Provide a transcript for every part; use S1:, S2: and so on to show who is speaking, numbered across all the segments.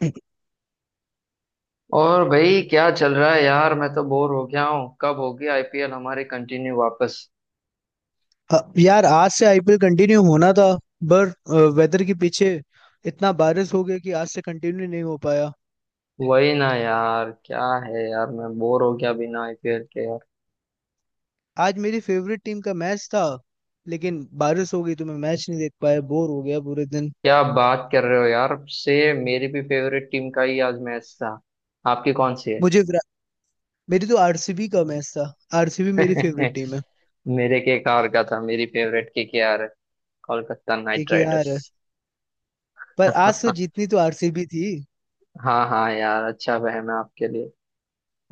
S1: अ,
S2: और भाई क्या चल रहा है यार। मैं तो बोर हो गया हूँ। कब होगी आईपीएल हमारी कंटिन्यू वापस।
S1: यार आज से आईपीएल कंटिन्यू होना था पर वेदर के पीछे इतना बारिश हो गया कि आज से कंटिन्यू नहीं हो पाया।
S2: वही ना यार। क्या है यार, मैं बोर हो गया बिना आईपीएल के यार।
S1: आज मेरी फेवरेट टीम का मैच था लेकिन बारिश हो गई तो मैं मैच नहीं देख पाया, बोर हो गया पूरे दिन।
S2: क्या बात कर रहे हो यार से। मेरी भी फेवरेट टीम का ही आज मैच था। आपकी कौन सी है?
S1: मुझे विरा- मेरी तो आरसीबी का मैच था। आरसीबी मेरी फेवरेट टीम है।
S2: मेरे के केकेआर का था। मेरी फेवरेट केकेआर है, कोलकाता नाइट
S1: क्योंकि
S2: राइडर्स।
S1: यार पर आज तो जीतनी तो आरसीबी थी।
S2: हाँ हाँ यार, अच्छा वह है आपके लिए।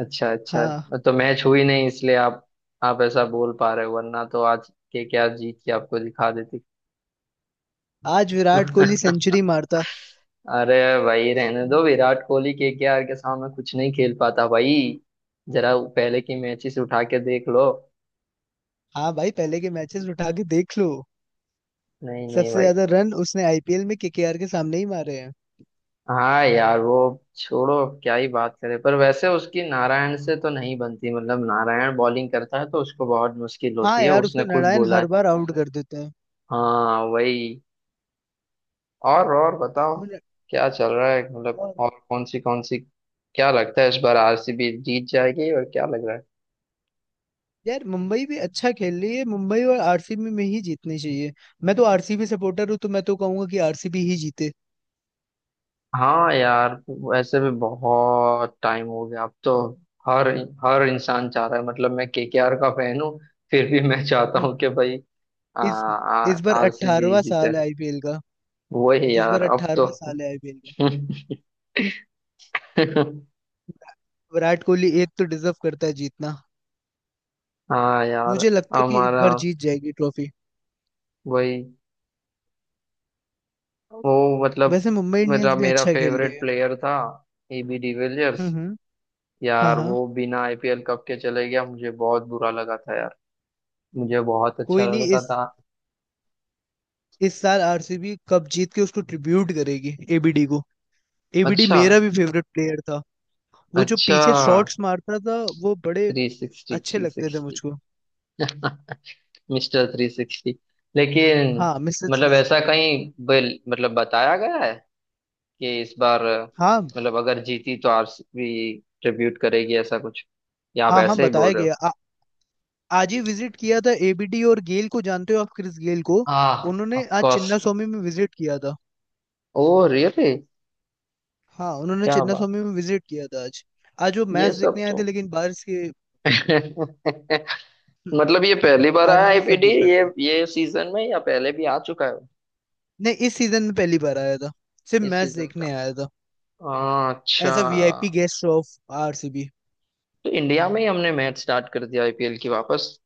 S2: अच्छा अच्छा।
S1: हाँ,
S2: तो मैच हुई नहीं इसलिए आप ऐसा बोल पा रहे हो, वरना तो आज के क्या जीत के आपको दिखा देती।
S1: आज विराट कोहली सेंचुरी मारता।
S2: अरे भाई रहने दो, विराट कोहली के आर के सामने कुछ नहीं खेल पाता भाई। जरा पहले की मैचेस उठा के देख लो।
S1: हाँ भाई, पहले के मैचेस उठा के देख लो।
S2: नहीं नहीं
S1: सबसे
S2: भाई।
S1: ज्यादा रन उसने आईपीएल में केकेआर के सामने ही मारे हैं।
S2: हाँ यार वो, छोड़ो अब क्या ही बात करें। पर वैसे उसकी नारायण से तो नहीं बनती, मतलब नारायण बॉलिंग करता है तो उसको बहुत मुश्किल
S1: हाँ
S2: होती है,
S1: यार,
S2: उसने
S1: उसको
S2: खुद
S1: नारायण
S2: बोला
S1: हर
S2: है।
S1: बार आउट कर देते हैं।
S2: हाँ वही। और बताओ
S1: वो न-
S2: क्या चल रहा है। मतलब
S1: और
S2: और कौन सी कौन सी, क्या लगता है इस बार आरसीबी जीत जाएगी? और क्या लग रहा है?
S1: यार, मुंबई भी अच्छा खेल रही है। मुंबई और आरसीबी में ही जीतनी चाहिए। मैं तो आरसीबी सपोर्टर हूँ तो मैं तो कहूंगा कि आरसीबी ही जीते।
S2: हाँ यार वैसे भी बहुत टाइम हो गया अब तो। हर हर इंसान चाह रहा है। मतलब मैं केकेआर का फैन हूँ, फिर भी मैं चाहता
S1: हम्म।
S2: हूँ कि भाई आ,
S1: इस
S2: आ,
S1: इस बार
S2: आरसीबी
S1: 18वां
S2: जीते।
S1: साल है आईपीएल का।
S2: वही
S1: इस बार
S2: यार, अब तो।
S1: 18वां साल है आईपीएल का। विराट कोहली एक तो डिजर्व करता है जीतना।
S2: हाँ यार
S1: मुझे लगता है कि इस
S2: हमारा,
S1: बार जीत जाएगी ट्रॉफी।
S2: वही, वो मतलब
S1: वैसे मुंबई
S2: मेरा
S1: इंडियंस भी
S2: मेरा
S1: अच्छा खेल रही
S2: फेवरेट
S1: है।
S2: प्लेयर था, एबी डिविलियर्स।
S1: हम्म। हाँ
S2: यार
S1: हाँ।
S2: वो बिना आईपीएल कप के चले गया, मुझे बहुत बुरा लगा था यार। मुझे बहुत अच्छा
S1: कोई नहीं,
S2: लगता
S1: इस
S2: था।
S1: इस साल आरसीबी कप जीत के उसको ट्रिब्यूट करेगी एबीडी को। एबीडी
S2: अच्छा,
S1: मेरा भी फेवरेट प्लेयर था। वो जो
S2: अच्छा।
S1: पीछे शॉट्स मारता था, वो बड़े
S2: थ्री सिक्सटी,
S1: अच्छे
S2: थ्री
S1: लगते थे
S2: सिक्सटी।
S1: मुझको।
S2: Mister three sixty. लेकिन
S1: हाँ, मिस्टर
S2: मतलब
S1: थ्री
S2: ऐसा
S1: सिक्सटी।
S2: कहीं बिल, मतलब बताया गया है कि इस बार
S1: हाँ
S2: मतलब अगर जीती तो आरसीबी ट्रिब्यूट करेगी, ऐसा कुछ? या आप
S1: हाँ हाँ,
S2: ऐसे ही बोल
S1: बताया
S2: रहे
S1: गया।
S2: हो?
S1: आज ही विजिट किया था। एबीडी और गेल को जानते हो आप? क्रिस गेल को
S2: हाँ
S1: उन्होंने
S2: ऑफ
S1: आज
S2: कोर्स।
S1: चिन्ना स्वामी में विजिट किया था।
S2: Oh really.
S1: हाँ, उन्होंने
S2: क्या
S1: चिन्ना
S2: बात।
S1: स्वामी में विजिट किया था आज। आज वो
S2: ये
S1: मैच
S2: सब
S1: देखने आए थे
S2: तो।
S1: लेकिन बारिश के।
S2: मतलब ये पहली बार आया
S1: बारिश ने सब
S2: आईपीडी,
S1: बिगाड़
S2: ये
S1: दिए।
S2: ये सीजन में, या पहले भी आ चुका है?
S1: नहीं, इस सीजन में पहली बार आया था, सिर्फ
S2: इस
S1: मैच
S2: सीजन का।
S1: देखने आया था।
S2: हाँ, अच्छा।
S1: As a VIP guest of RCB.
S2: तो इंडिया में ही हमने मैच स्टार्ट कर दिया आईपीएल की वापस।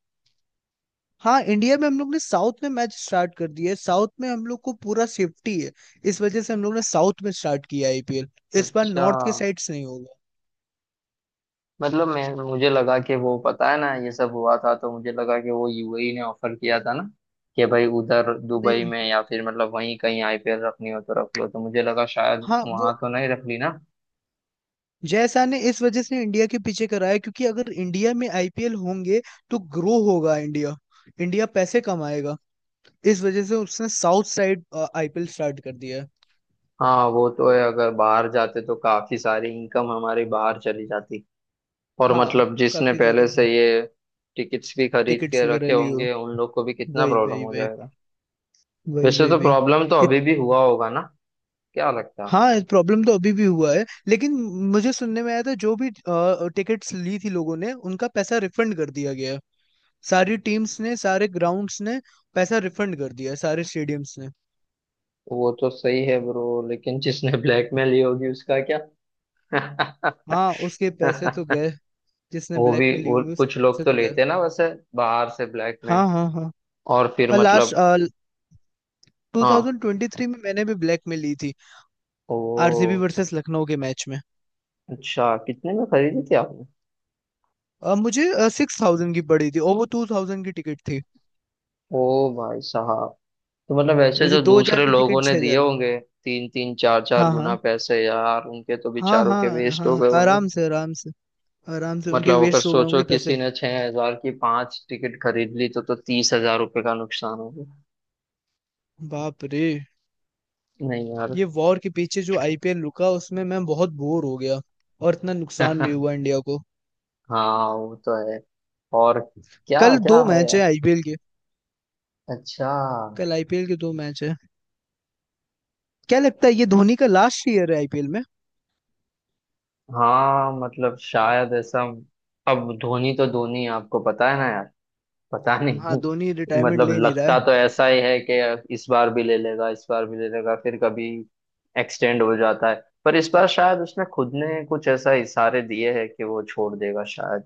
S1: हाँ, इंडिया में हम लोग ने साउथ में मैच स्टार्ट कर दिया है। साउथ में हम लोग को पूरा सेफ्टी है, इस वजह से हम लोग ने साउथ में स्टार्ट किया आईपीएल। इस बार
S2: अच्छा।
S1: नॉर्थ के साइड से नहीं होगा।
S2: मतलब मैं मुझे लगा कि वो पता है ना ये सब हुआ था, तो मुझे लगा कि वो यूएई ने ऑफर किया था ना, कि भाई उधर दुबई
S1: नहीं।
S2: में या फिर मतलब वहीं कहीं आईपीएल रखनी हो तो रख लो, तो मुझे लगा शायद
S1: हाँ, वो
S2: वहां तो नहीं रख ली ना।
S1: जय शाह ने इस वजह से इंडिया के पीछे कराया, क्योंकि अगर इंडिया में आईपीएल होंगे तो ग्रो होगा इंडिया। इंडिया पैसे कमाएगा। इस वजह से उसने साउथ साइड आईपीएल स्टार्ट कर दिया है।
S2: हाँ वो तो है। अगर बाहर जाते तो काफी सारी इनकम हमारी बाहर चली जाती। और
S1: हाँ,
S2: मतलब जिसने
S1: काफी सारे
S2: पहले से ये टिकट्स भी खरीद
S1: टिकट्स
S2: के
S1: वगैरह
S2: रखे
S1: लिए हो।
S2: होंगे उन लोग को भी कितना
S1: वही
S2: प्रॉब्लम
S1: वही
S2: हो
S1: वही।
S2: जाएगा।
S1: वही
S2: वैसे
S1: वही
S2: तो प्रॉब्लम तो
S1: वही।
S2: अभी भी हुआ होगा ना, क्या लगता है?
S1: हाँ, प्रॉब्लम तो अभी भी हुआ है, लेकिन मुझे सुनने में आया था जो भी टिकट्स ली थी लोगों ने, उनका पैसा रिफंड कर दिया गया है। सारी टीम्स ने, सारे ग्राउंड्स ने पैसा रिफंड कर दिया है, सारे स्टेडियम्स ने।
S2: वो तो सही है ब्रो, लेकिन जिसने ब्लैकमेल ली होगी उसका क्या?
S1: हाँ, उसके पैसे तो गए। जिसने
S2: वो भी,
S1: ब्लैक में ली
S2: वो
S1: होंगी
S2: कुछ लोग
S1: उससे
S2: तो
S1: तो गए।
S2: लेते हैं ना वैसे, बाहर से ब्लैक में।
S1: हाँ हाँ हाँ।
S2: और फिर
S1: और लास्ट
S2: मतलब हाँ।
S1: 2023 में मैंने भी ब्लैक में ली थी, आरसीबी
S2: ओ
S1: वर्सेस लखनऊ के मैच में।
S2: अच्छा, कितने में खरीदी थी आपने?
S1: मुझे 6000 की पड़ी थी और वो 2000 की टिकट थी।
S2: ओ भाई साहब। तो मतलब ऐसे
S1: मुझे
S2: जो
S1: 2000
S2: दूसरे
S1: की
S2: लोगों
S1: टिकट
S2: ने
S1: छह
S2: दिए
S1: हजार
S2: होंगे तीन तीन चार चार
S1: हाँ
S2: गुना
S1: हाँ।
S2: पैसे यार, उनके तो
S1: हाँ
S2: बेचारों के
S1: हाँ।
S2: वेस्ट हो
S1: हाँ,
S2: गए होंगे।
S1: आराम से आराम से। आराम से उनके
S2: मतलब अगर
S1: वेस्ट हो गए
S2: सोचो
S1: होंगे पैसे।
S2: किसी ने 6,000 की 5 टिकट खरीद ली तो 30,000 रुपये का नुकसान हो गया।
S1: बाप रे!
S2: नहीं यार।
S1: ये वॉर के पीछे जो आईपीएल रुका उसमें मैं बहुत बोर हो गया, और इतना नुकसान भी हुआ इंडिया को।
S2: हाँ वो तो है। और क्या
S1: कल
S2: क्या
S1: दो
S2: है
S1: मैच है
S2: यार।
S1: आईपीएल के।
S2: अच्छा।
S1: कल आईपीएल के दो मैच है। क्या लगता है ये धोनी का लास्ट ईयर है आईपीएल में?
S2: हाँ मतलब शायद ऐसा। अब धोनी तो धोनी है, आपको पता है ना। पता
S1: हाँ,
S2: नहीं।
S1: धोनी रिटायरमेंट
S2: मतलब
S1: ले नहीं रहा
S2: लगता
S1: है।
S2: तो ऐसा ही है कि इस बार भी ले लेगा, इस बार भी ले लेगा, फिर कभी एक्सटेंड हो जाता है। पर इस बार शायद उसने खुद ने कुछ ऐसा इशारे दिए हैं कि वो छोड़ देगा शायद।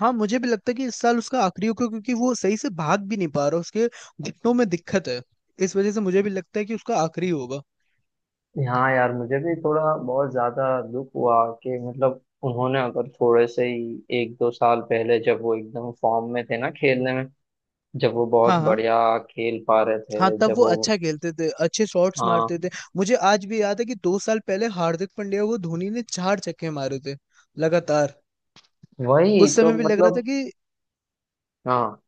S1: हाँ, मुझे भी लगता है कि इस साल उसका आखिरी होगा, क्योंकि वो सही से भाग भी नहीं पा रहा। उसके घुटनों में दिक्कत है, इस वजह से मुझे भी लगता है कि उसका आखिरी होगा।
S2: हाँ यार मुझे भी थोड़ा बहुत ज्यादा दुख हुआ कि मतलब उन्होंने अगर थोड़े से ही एक दो साल पहले जब वो एकदम फॉर्म में थे ना, खेलने में जब वो बहुत
S1: हाँ हाँ।
S2: बढ़िया खेल पा रहे
S1: हाँ,
S2: थे,
S1: तब
S2: जब
S1: वो
S2: वो,
S1: अच्छा खेलते थे, अच्छे शॉट्स
S2: हाँ
S1: मारते थे। मुझे आज भी याद है कि 2 साल पहले हार्दिक पांड्या को धोनी ने चार छक्के मारे थे, लगातार।
S2: वही
S1: उस
S2: तो
S1: समय भी लग रहा था
S2: मतलब,
S1: कि
S2: हाँ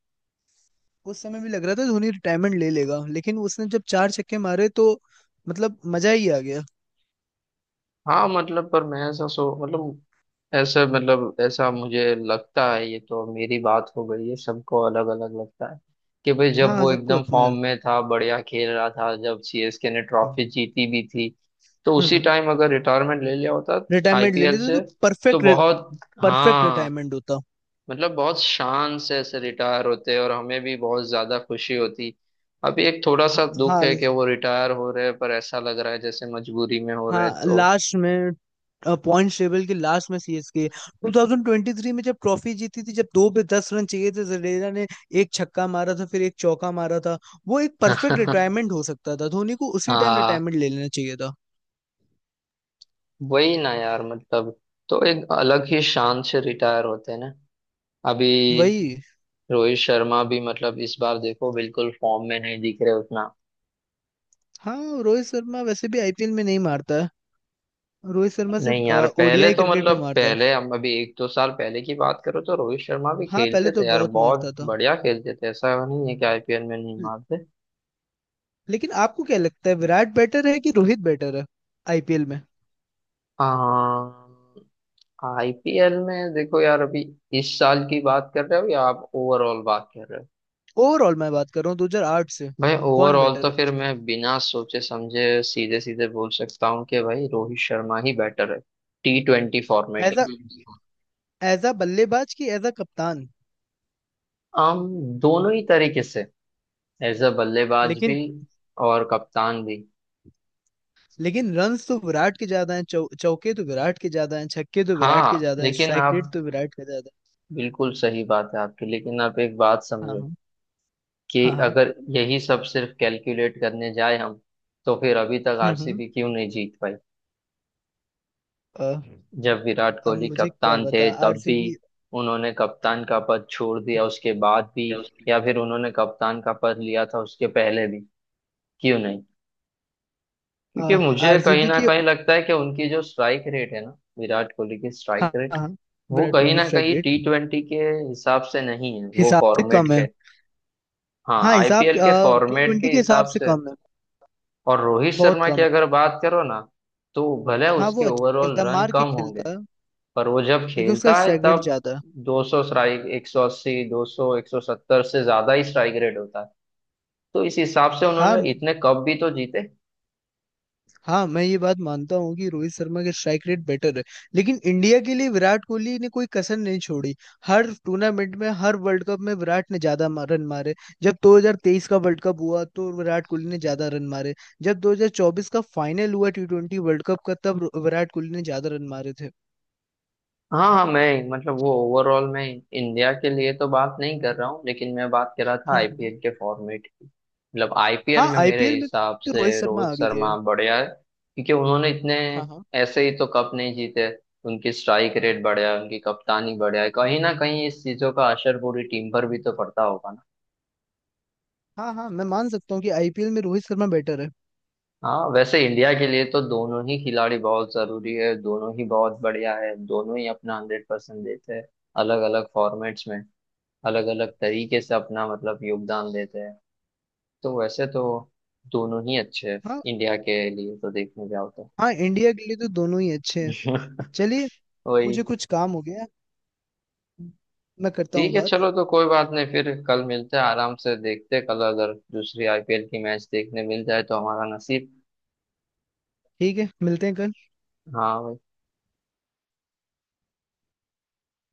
S1: उस समय भी लग रहा था धोनी रिटायरमेंट ले लेगा, लेकिन उसने जब चार छक्के मारे तो मतलब मजा ही आ गया।
S2: हाँ मतलब पर मैं ऐसा सो मतलब ऐसा मुझे लगता है, ये तो मेरी बात हो गई है, सबको अलग अलग लगता है। कि भाई जब
S1: हाँ हाँ,
S2: वो
S1: सबको
S2: एकदम
S1: अपना।
S2: फॉर्म में था, बढ़िया खेल रहा था, जब सीएसके ने ट्रॉफी जीती भी थी, तो उसी टाइम अगर रिटायरमेंट ले लिया होता
S1: रिटायरमेंट ले
S2: आईपीएल
S1: लेते
S2: से,
S1: तो
S2: तो
S1: परफेक्ट।
S2: बहुत,
S1: परफेक्ट
S2: हाँ
S1: रिटायरमेंट होता।
S2: मतलब बहुत शान से ऐसे रिटायर होते और हमें भी बहुत ज्यादा खुशी होती। अभी एक थोड़ा
S1: हाँ
S2: सा दुख
S1: हाँ
S2: है कि वो रिटायर हो रहे हैं, पर ऐसा लग रहा है जैसे मजबूरी में हो रहे हैं,
S1: हाँ।
S2: तो।
S1: लास्ट में, पॉइंट्स टेबल के लास्ट में सीएसके। 2023 में जब ट्रॉफी जीती थी, जब दो पे 10 रन चाहिए थे, जडेजा ने एक छक्का मारा था फिर एक चौका मारा था। वो एक परफेक्ट रिटायरमेंट हो सकता था, धोनी को उसी टाइम
S2: हाँ
S1: रिटायरमेंट ले लेना चाहिए था।
S2: वही ना यार, मतलब, तो एक अलग ही शान से रिटायर होते हैं ना। अभी
S1: वही।
S2: रोहित शर्मा भी मतलब इस बार देखो बिल्कुल फॉर्म में नहीं दिख रहे उतना।
S1: हाँ, रोहित शर्मा वैसे भी आईपीएल में नहीं मारता है। रोहित शर्मा
S2: नहीं यार,
S1: सिर्फ
S2: पहले
S1: ओडीआई
S2: तो
S1: क्रिकेट
S2: मतलब
S1: में मारता है।
S2: पहले हम अभी एक दो साल पहले की बात करो तो रोहित शर्मा भी
S1: हाँ, पहले
S2: खेलते
S1: तो
S2: थे यार,
S1: बहुत
S2: बहुत
S1: मारता था।
S2: बढ़िया खेलते थे, ऐसा नहीं है कि आईपीएल में नहीं
S1: ल-
S2: मारते।
S1: लेकिन आपको क्या लगता है, विराट बेटर है कि रोहित बेटर है आईपीएल में?
S2: आईपीएल में देखो यार, अभी इस साल की बात कर रहे हो या आप ओवरऑल बात कर रहे हो?
S1: ओवरऑल मैं बात कर रहा हूँ, 2008 से।
S2: भाई
S1: कौन
S2: ओवरऑल
S1: बेटर
S2: तो
S1: है?
S2: फिर मैं बिना सोचे समझे सीधे सीधे बोल सकता हूँ कि भाई रोहित शर्मा ही बेटर है, टी ट्वेंटी फॉर्मेट
S1: एज
S2: में।
S1: अ एज अ बल्लेबाज कि एज अ कप्तान?
S2: आम, दोनों ही तरीके से, एज अ बल्लेबाज भी
S1: लेकिन
S2: और कप्तान भी।
S1: लेकिन रन्स तो विराट के ज्यादा हैं, चौके तो विराट के ज्यादा हैं, छक्के तो विराट के
S2: हाँ
S1: ज्यादा हैं,
S2: लेकिन
S1: स्ट्राइक
S2: आप,
S1: रेट तो विराट का ज्यादा
S2: बिल्कुल सही बात है आपकी, लेकिन आप एक बात
S1: है। हाँ
S2: समझो
S1: हाँ
S2: कि
S1: हाँ हाँ।
S2: अगर यही सब सिर्फ कैलकुलेट करने जाए हम, तो फिर अभी तक
S1: हम्म हम्म,
S2: आरसीबी क्यों नहीं जीत पाई?
S1: अ,
S2: जब विराट
S1: अब
S2: कोहली
S1: मुझे क्या
S2: कप्तान थे
S1: बता
S2: तब भी,
S1: आरसीबी।
S2: उन्होंने कप्तान का पद छोड़ दिया उसके बाद भी, या फिर उन्होंने कप्तान का पद लिया था उसके पहले भी, क्यों नहीं? क्योंकि मुझे कहीं
S1: आरसीबी
S2: ना
S1: की।
S2: कहीं लगता है कि उनकी जो स्ट्राइक रेट है ना, विराट कोहली की स्ट्राइक
S1: हाँ
S2: रेट,
S1: हाँ।
S2: वो
S1: विराट
S2: कहीं
S1: कोहली की
S2: ना
S1: स्ट्राइक
S2: कहीं टी
S1: रेट
S2: ट्वेंटी के हिसाब से नहीं है, वो
S1: हिसाब से
S2: फॉर्मेट
S1: कम है।
S2: के। हाँ
S1: हाँ, हिसाब
S2: आईपीएल के
S1: टी
S2: फॉर्मेट
S1: ट्वेंटी
S2: के
S1: के हिसाब
S2: हिसाब
S1: से
S2: से है।
S1: कम है,
S2: और रोहित
S1: बहुत
S2: शर्मा
S1: कम
S2: की
S1: है।
S2: अगर बात करो ना, तो भले
S1: हाँ,
S2: उसके
S1: वो अच्छा
S2: ओवरऑल
S1: खेलता है,
S2: रन
S1: मार के
S2: कम होंगे,
S1: खेलता है,
S2: पर वो जब
S1: लेकिन उसका
S2: खेलता है
S1: स्ट्राइक रेट
S2: तब
S1: ज्यादा है।
S2: 200 स्ट्राइक, 180, 200, 170 से ज्यादा ही स्ट्राइक रेट होता है। तो इस हिसाब से
S1: हाँ
S2: उन्होंने इतने कप भी तो जीते।
S1: हाँ, मैं ये बात मानता हूँ कि रोहित शर्मा के स्ट्राइक रेट बेटर है, लेकिन इंडिया के लिए विराट कोहली ने कोई कसर नहीं छोड़ी। हर टूर्नामेंट में, हर वर्ल्ड कप में विराट ने ज्यादा रन मारे। जब 2023 का वर्ल्ड कप हुआ तो विराट कोहली ने ज्यादा रन मारे। जब 2024 का फाइनल हुआ टी ट्वेंटी वर्ल्ड कप का, तब विराट कोहली ने ज्यादा रन मारे थे।
S2: हाँ हाँ, मैं मतलब वो ओवरऑल मैं इंडिया के लिए तो बात नहीं कर रहा हूँ, लेकिन मैं बात कर रहा था
S1: हम्म हम्म।
S2: आईपीएल के फॉर्मेट की। मतलब आईपीएल
S1: हाँ,
S2: में मेरे
S1: आईपीएल में
S2: हिसाब
S1: तो
S2: से
S1: रोहित शर्मा
S2: रोहित
S1: आ गए
S2: शर्मा
S1: है।
S2: बढ़िया है, क्योंकि उन्होंने इतने
S1: हाँ हाँ।
S2: ऐसे ही तो कप नहीं जीते। उनकी स्ट्राइक रेट बढ़िया है, उनकी कप्तानी बढ़िया है, कहीं ना कहीं इस चीजों का असर पूरी टीम पर भी तो पड़ता होगा ना।
S1: हाँ, हाँ मैं मान सकता हूँ कि आईपीएल में रोहित शर्मा बेटर है।
S2: हाँ वैसे इंडिया के लिए तो दोनों ही खिलाड़ी बहुत जरूरी है, दोनों ही बहुत बढ़िया है, दोनों ही अपना 100% देते हैं, अलग अलग फॉर्मेट्स में, अलग अलग तरीके से अपना मतलब योगदान देते हैं। तो वैसे तो दोनों ही अच्छे हैं,
S1: हाँ
S2: इंडिया के लिए तो देखने जाओ तो।
S1: हाँ, इंडिया के लिए तो दोनों ही अच्छे हैं। चलिए,
S2: वही।
S1: मुझे कुछ काम हो गया, मैं करता हूँ
S2: ठीक है
S1: बात।
S2: चलो, तो कोई बात नहीं, फिर कल मिलते हैं आराम से, देखते हैं कल अगर दूसरी आईपीएल की मैच देखने मिल जाए तो हमारा नसीब।
S1: ठीक है, मिलते हैं कल।
S2: हाँ।